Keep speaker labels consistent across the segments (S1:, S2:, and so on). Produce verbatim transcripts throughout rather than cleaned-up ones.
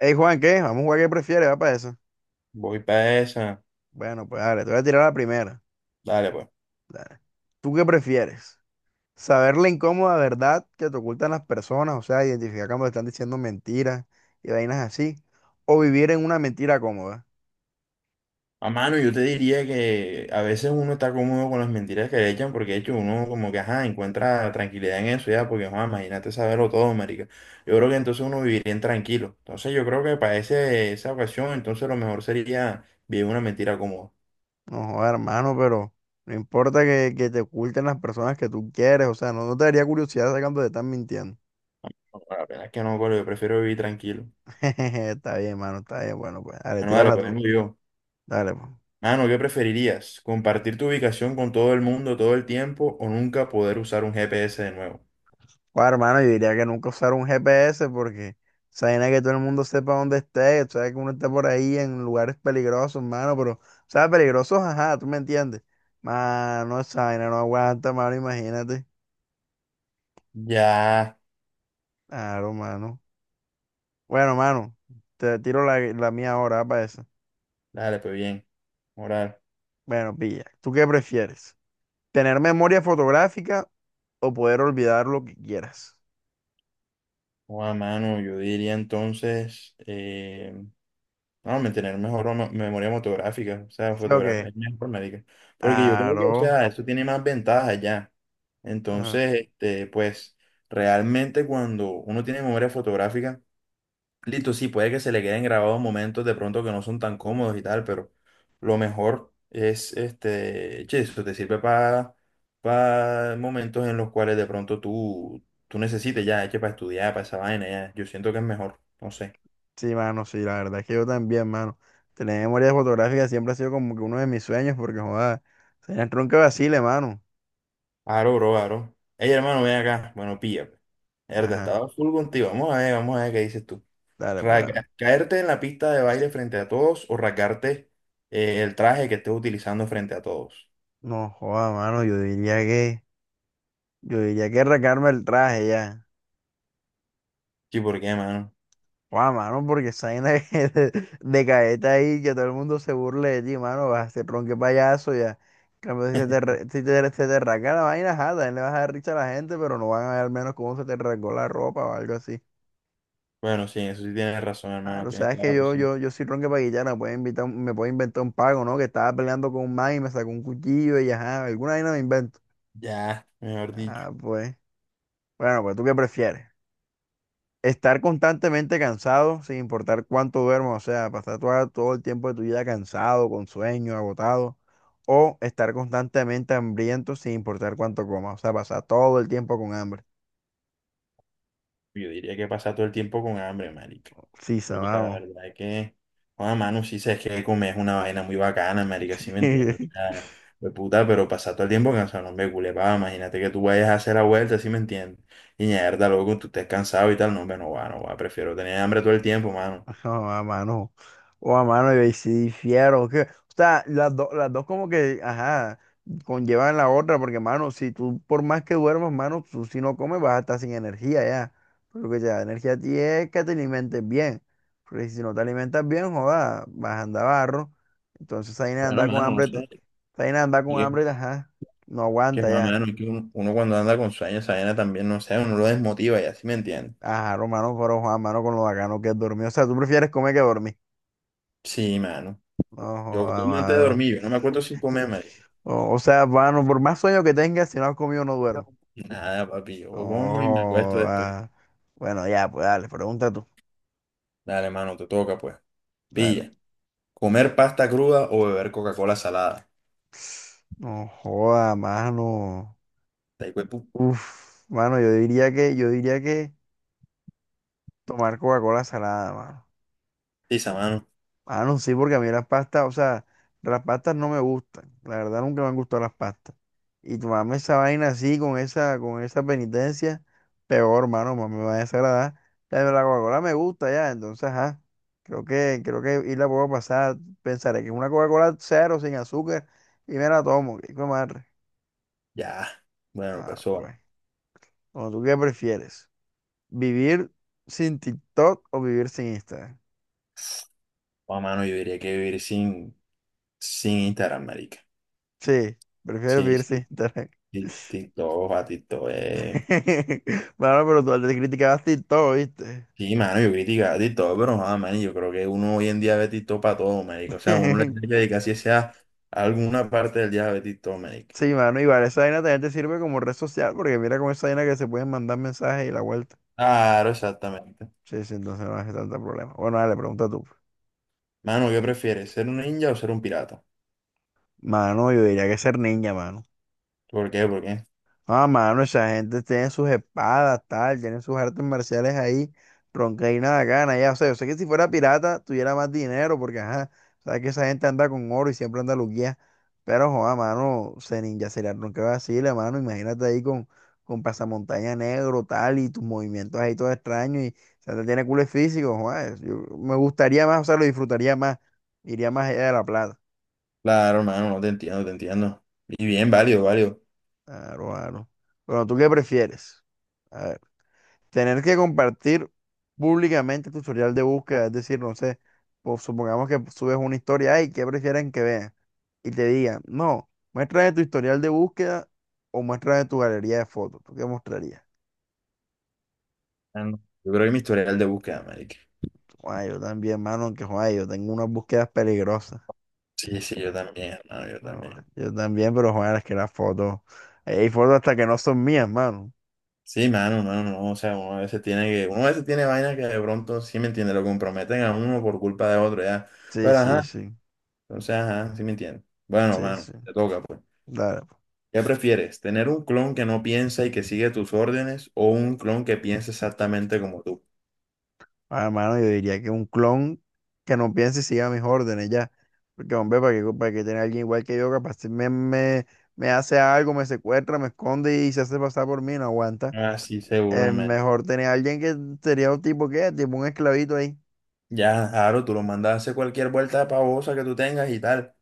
S1: Hey Juan, ¿qué? Vamos a jugar qué prefieres, va para eso.
S2: Voy para esa.
S1: Bueno, pues dale, te voy a tirar la primera.
S2: Dale, pues.
S1: Dale. ¿Tú qué prefieres? ¿Saber la incómoda verdad que te ocultan las personas? O sea, identificar cuando te están diciendo mentiras y vainas así. ¿O vivir en una mentira cómoda?
S2: A mano, yo te diría que a veces uno está cómodo con las mentiras que le echan, porque de hecho uno como que, ajá, encuentra tranquilidad en eso ya, porque, ajá, imagínate saberlo todo, marica. Yo creo que entonces uno viviría en tranquilo. Entonces yo creo que para ese, esa ocasión, entonces lo mejor sería vivir una mentira cómoda.
S1: No, joder, hermano, pero no importa que, que te oculten las personas que tú quieres. O sea, no, no te daría curiosidad saber cuando te están mintiendo.
S2: No, la verdad es que no, colo, yo prefiero vivir tranquilo.
S1: Está bien, hermano, está bien. Bueno, pues dale,
S2: Bueno, dale,
S1: tírala
S2: pues
S1: tú.
S2: vengo yo.
S1: Dale, pues.
S2: Mano, ¿qué preferirías? ¿Compartir tu ubicación con todo el mundo todo el tiempo o nunca poder usar un G P S de nuevo?
S1: Bueno, hermano, yo diría que nunca usar un G P S porque esa vaina es que todo el mundo sepa dónde esté, tú sabes que uno está por ahí en lugares peligrosos, hermano, pero, o sea, peligrosos, ajá, tú me entiendes. Mano, esa vaina no aguanta, mano, imagínate.
S2: Ya.
S1: Claro, mano. Bueno, mano, te tiro la, la mía ahora ah, para eso.
S2: Dale, pues bien. Moral.
S1: Bueno, pilla, ¿tú qué prefieres? ¿Tener memoria fotográfica o poder olvidar lo que quieras?
S2: O a mano, yo diría entonces, eh, no, mantener mejor o no- memoria fotográfica, o sea,
S1: ¿Sí o
S2: fotografía
S1: qué?
S2: informática. Porque yo creo que, o
S1: Claro.
S2: sea, eso tiene más ventajas ya. Entonces, este, pues, realmente cuando uno tiene memoria fotográfica, listo, sí, puede que se le queden grabados momentos de pronto que no son tan cómodos y tal, pero lo mejor es, este, che, eso te sirve para momentos en los cuales de pronto tú, tú necesites ya, che, para estudiar, para esa vaina, ya. Yo siento que es mejor, no sé.
S1: Sí, mano, sí, la verdad es que yo también, mano. Tener memoria fotográfica siempre ha sido como que uno de mis sueños, porque joda, sería el tronco de vacile, mano.
S2: Aro, bro, aro. Ey, hermano, ven acá. Bueno, pilla, pues. Erda,
S1: Ajá,
S2: estaba full contigo. Vamos a ver, vamos a ver qué dices tú.
S1: dale, pues
S2: Rasga-
S1: dale.
S2: ¿Caerte en la pista de baile frente a todos o rasgarte eh, el traje que estés utilizando frente a todos?
S1: No, joda, mano, yo diría que, yo diría que arrancarme el traje ya.
S2: Sí, ¿por qué, mano?
S1: Joda, mano, porque esa vaina de, de, de caeta ahí, que todo el mundo se burle de ti, mano, vas a ser tronque payaso ya. En cambio, si se te, arra- si te, se te arranca la vaina, ajá, también le vas a dar risa a la gente, pero no van a ver al menos cómo se te arrancó la ropa o algo así.
S2: Bueno, sí, eso sí tienes razón,
S1: Ah,
S2: hermano,
S1: lo
S2: tienes
S1: sabes
S2: toda
S1: que
S2: la
S1: yo,
S2: razón.
S1: yo, yo soy ronque paguillana, puede invitar, un- me puede inventar un pago, ¿no? Que estaba peleando con un man y me sacó un cuchillo y ajá, alguna vaina me invento.
S2: Ya, mejor dicho,
S1: Ah, pues. Bueno, pues ¿tú qué prefieres? Estar constantemente cansado, sin importar cuánto duermas, o sea, pasar toda- todo el tiempo de tu vida cansado, con sueño, agotado, o estar constantemente hambriento, sin importar cuánto comas, o sea, pasar todo el tiempo con hambre.
S2: yo diría que pasa todo el tiempo con hambre, marica.
S1: Sí,
S2: Porque la
S1: sabano.
S2: verdad es que, Juan mano, sí sabes que comer es una vaina muy bacana, marica, sí me entiendo. O sea, de puta, pero pasar todo el tiempo cansado, no me culepa, imagínate que tú vayas a hacer la vuelta, sí me entiendes. Y mierda, loco, tú estés cansado y tal, no, hombre, no va, no va, prefiero tener hambre todo el tiempo, mano.
S1: Ajá, a mano. O a mano, y ahí sí difiero. Que, o sea, las, do- las dos como que, ajá, conllevan la otra, porque, mano, si tú, por más que duermas, mano, tú si no comes vas a estar sin energía ya. Pero que te da energía a ti es que te alimentes bien. Porque si no te alimentas bien, joda, vas a andar barro. Entonces ahí nada,
S2: Bueno,
S1: anda con
S2: mano, no
S1: hambre, t-
S2: sé.
S1: esa vaina de andar con
S2: Que,
S1: hambre, ajá, no
S2: que
S1: aguanta
S2: más,
S1: ya.
S2: mano, que uno, uno cuando anda con sueños, esa vaina también, no sé, uno lo desmotiva, ya, sí me entiendes.
S1: Ajá, hermano, pero Juan, mano, con lo bacano que es dormir. O sea, tú prefieres comer que dormir.
S2: Sí, mano.
S1: No,
S2: Yo
S1: joda,
S2: como antes de
S1: mano.
S2: dormir, yo no me acuerdo sin comer, marico.
S1: O, o sea, bueno, por más sueño que tengas, si no has comido, no
S2: No.
S1: duermes.
S2: Nada, papi, yo como y me acuesto
S1: Oh,
S2: después.
S1: ah. Bueno, ya, pues dale, pregunta tú.
S2: Dale, mano, te toca, pues.
S1: Dale.
S2: Pilla. Comer pasta cruda o beber Coca-Cola salada.
S1: No joda, mano.
S2: Está ahí, pues,
S1: Uf, mano, yo diría que, yo diría que tomar Coca-Cola salada, mano.
S2: putiza, mano.
S1: Ah, no, sí, porque a mí las pastas, o sea, las pastas no me gustan. La verdad nunca me han gustado las pastas. Y tomarme esa vaina así, con esa, con esa penitencia, peor, hermano, más me va a desagradar. La de la Coca-Cola me gusta ya, entonces, ajá. Creo que, creo que y la puedo pasar. Pensaré que es una Coca-Cola cero, sin azúcar, y me la tomo. ¿Qué hijo de madre?
S2: Ya. Bueno, pues,
S1: Ah,
S2: eso va.
S1: pues. Bueno, ¿tú qué prefieres? ¿Vivir sin TikTok o vivir sin Instagram?
S2: O, mano, yo diría que vivir sin, sin Instagram, marica.
S1: Sí, prefiero
S2: Sí,
S1: vivir sin
S2: sí.
S1: Instagram.
S2: Tik- TikTok, a TikTok, eh.
S1: Mano, pero tú antes criticabas TikTok, ¿viste?
S2: Sí, mano, yo criticaba TikTok, pero nada, man, yo creo que uno hoy en día ve TikTok para todo, marica. O sea, uno le tiene que dedicar si sea alguna parte del día a ver TikTok, marica.
S1: Sí, mano, igual esa vaina también te sirve como red social, porque mira con esa vaina que se pueden mandar mensajes y la vuelta.
S2: Claro, exactamente.
S1: Sí, sí, entonces no hace tanto problema. Bueno, dale, pregunta tú.
S2: Mano, ¿qué prefieres? ¿Ser un ninja o ser un pirata?
S1: Mano, yo diría que ser niña, mano.
S2: ¿Por qué? ¿Por qué?
S1: Ah, mano, esa gente tiene sus espadas, tal, tienen sus artes marciales ahí, ronca y nada gana, ya, o sea, yo sé que si fuera pirata tuviera más dinero, porque ajá, sabes que esa gente anda con oro y siempre anda luquía, pero joda, mano, se ninja sería ronca vacile, mano, imagínate ahí con, con pasamontaña negro, tal, y tus movimientos ahí todos extraños, y o sea, te tiene culo físico, joda, es- yo me gustaría más, o sea, lo disfrutaría más, iría más allá de la plata,
S2: Claro, hermano, no te entiendo, te entiendo. Y bien, válido, válido.
S1: claro, claro. Bueno, ¿tú qué prefieres? Tener que compartir públicamente tu historial de búsqueda, es decir, no sé, pues, supongamos que subes una historia, y ¿qué prefieren que vean? Y te digan, no, muéstrame tu historial de búsqueda o muéstrame tu galería de fotos. ¿Tú qué mostrarías?
S2: Mano, yo creo que mi historial de búsqueda, marica.
S1: Ay, yo también, mano, aunque joder, yo tengo unas búsquedas peligrosas.
S2: Sí, sí, yo también, hermano, yo
S1: No,
S2: también.
S1: yo también, pero joder, es que las fotos, hay fotos hasta que no son mías, mano.
S2: Sí, mano, mano, no, o sea, uno a veces tiene que, uno a veces tiene vainas que de pronto, sí me entiende, lo comprometen a uno por culpa de otro, ya.
S1: Sí,
S2: Pero
S1: sí,
S2: ajá,
S1: sí,
S2: entonces, ajá, sí me entiende. Bueno,
S1: sí,
S2: mano,
S1: sí.
S2: te toca, pues.
S1: Dale.
S2: ¿Qué prefieres? ¿Tener un clon que no piensa y que sigue tus órdenes o un clon que piensa exactamente como tú?
S1: Ah, hermano, yo diría que un clon que no piense y siga mis órdenes ya. Porque, hombre, para que, para que tener a alguien igual que yo, capaz si me, me, me hace algo, me secuestra, me esconde y se hace pasar por mí, no aguanta.
S2: Ah, sí, seguro,
S1: Es
S2: man.
S1: mejor tener a alguien que sería un tipo que, tipo un esclavito ahí.
S2: Ya, claro, tú lo mandas a hacer cualquier vuelta pavosa que tú tengas y tal.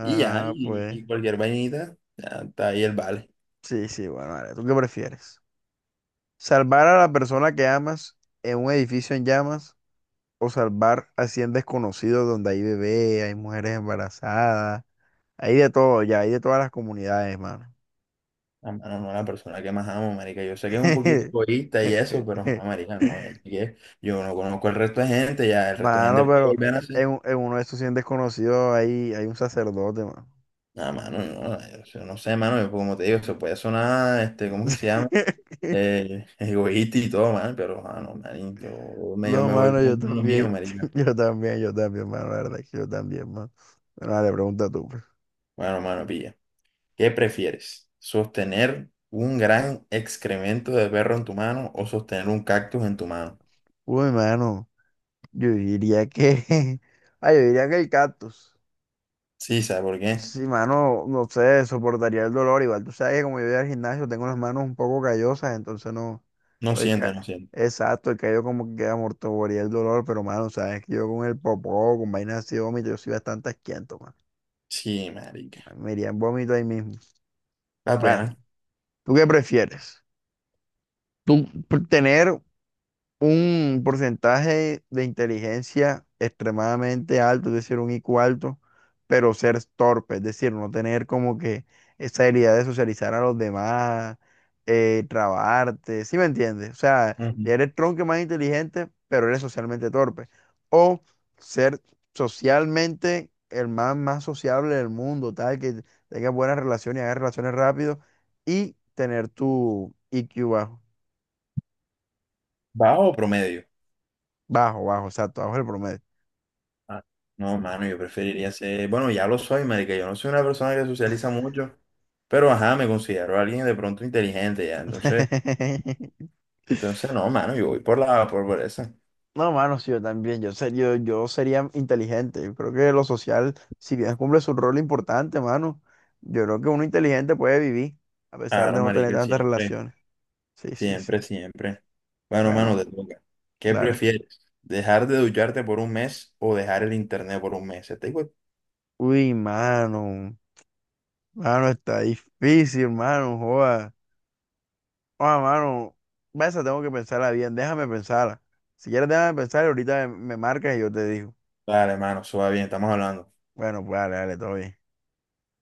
S2: Y ya, y,
S1: pues,
S2: y cualquier vainita, ya está ahí el vale.
S1: sí, sí, bueno, vale. ¿Tú qué prefieres? ¿Salvar a la persona que amas en un edificio en llamas o salvar a cien desconocidos donde hay bebé, hay mujeres embarazadas? Hay de todo, ya, hay de todas las comunidades, mano.
S2: Ah, mano, no, la persona que más amo, marica. Yo sé que es un poquito egoísta y eso, pero, joder, marica, no. Es que yo no conozco el resto de gente, ya el resto de gente
S1: Mano,
S2: puede
S1: pero
S2: volver a
S1: en,
S2: hacer.
S1: un- en uno de estos cien desconocidos hay, hay un sacerdote, mano.
S2: Nada, mano, no, yo no sé, mano, yo, como te digo, se puede sonar, este, ¿cómo que se llama? Eh, egoísta y todo, man, pero, ah, no, man, yo, me, yo
S1: No,
S2: me voy
S1: mano, yo
S2: con lo mío,
S1: también,
S2: marica.
S1: yo también, yo también, mano, la verdad es que yo también, mano. Bueno, dale, pregunta tú, pues.
S2: Bueno, mano, pilla. ¿Qué prefieres? ¿Sostener un gran excremento de perro en tu mano o sostener un cactus en tu mano?
S1: Uy, mano, yo diría que, ah, yo diría que el cactus.
S2: Sí, ¿sabes por qué?
S1: Sí, mano, no sé, soportaría el dolor. Igual tú sabes que como yo voy al gimnasio, tengo las manos un poco callosas, entonces no.
S2: No
S1: el
S2: siente, no
S1: ca-
S2: siente.
S1: exacto, el callo como que amortiguaría el dolor, pero mano, sabes que yo con el popó, con vainas así de vómito, yo soy bastante asquiento, mano.
S2: Sí, marica.
S1: Me iría en vómito ahí mismo.
S2: La plena.
S1: Bueno, ¿tú qué prefieres? ¿Tú pr- Tener un porcentaje de inteligencia extremadamente alto, es decir, un I Q alto, pero ser torpe, es decir, no tener como que esa habilidad de socializar a los demás, eh, trabarte, ¿sí me entiendes? O sea,
S2: Ujú.
S1: ya eres tronco más inteligente, pero eres socialmente torpe. O ser socialmente el más, más sociable del mundo, tal, que tengas buenas relaciones y hagas relaciones rápido y tener tu I Q bajo,
S2: ¿Bajo o promedio?
S1: bajo, bajo, exacto, bajo el promedio.
S2: Ah, no, mano, yo preferiría ser... Bueno, ya lo soy, marica. Yo no soy una persona que socializa mucho, pero ajá, me considero alguien de pronto inteligente ya. Entonces, entonces no, mano, yo voy por la... por, por esa.
S1: No, mano, sí, yo también, yo, ser- yo, yo sería inteligente, yo creo que lo social, si bien cumple su rol importante, mano, yo creo que uno inteligente puede vivir, a pesar
S2: Claro,
S1: de no tener
S2: marica,
S1: tantas
S2: siempre.
S1: relaciones. Sí, sí, sí.
S2: Siempre, siempre. Bueno, mano, te
S1: Bueno,
S2: toca. ¿Qué
S1: dale.
S2: prefieres? ¿Dejar de ducharte por un mes o dejar el internet por un mes? Te digo,
S1: Uy, mano, mano, está difícil, mano, joda. Ah, mano, esa tengo que pensarla bien, déjame pensarla. Si quieres, déjame pensar y ahorita me, me marcas y yo te digo.
S2: dale, mano, eso va bien, estamos hablando.
S1: Bueno, pues dale, dale, todo bien.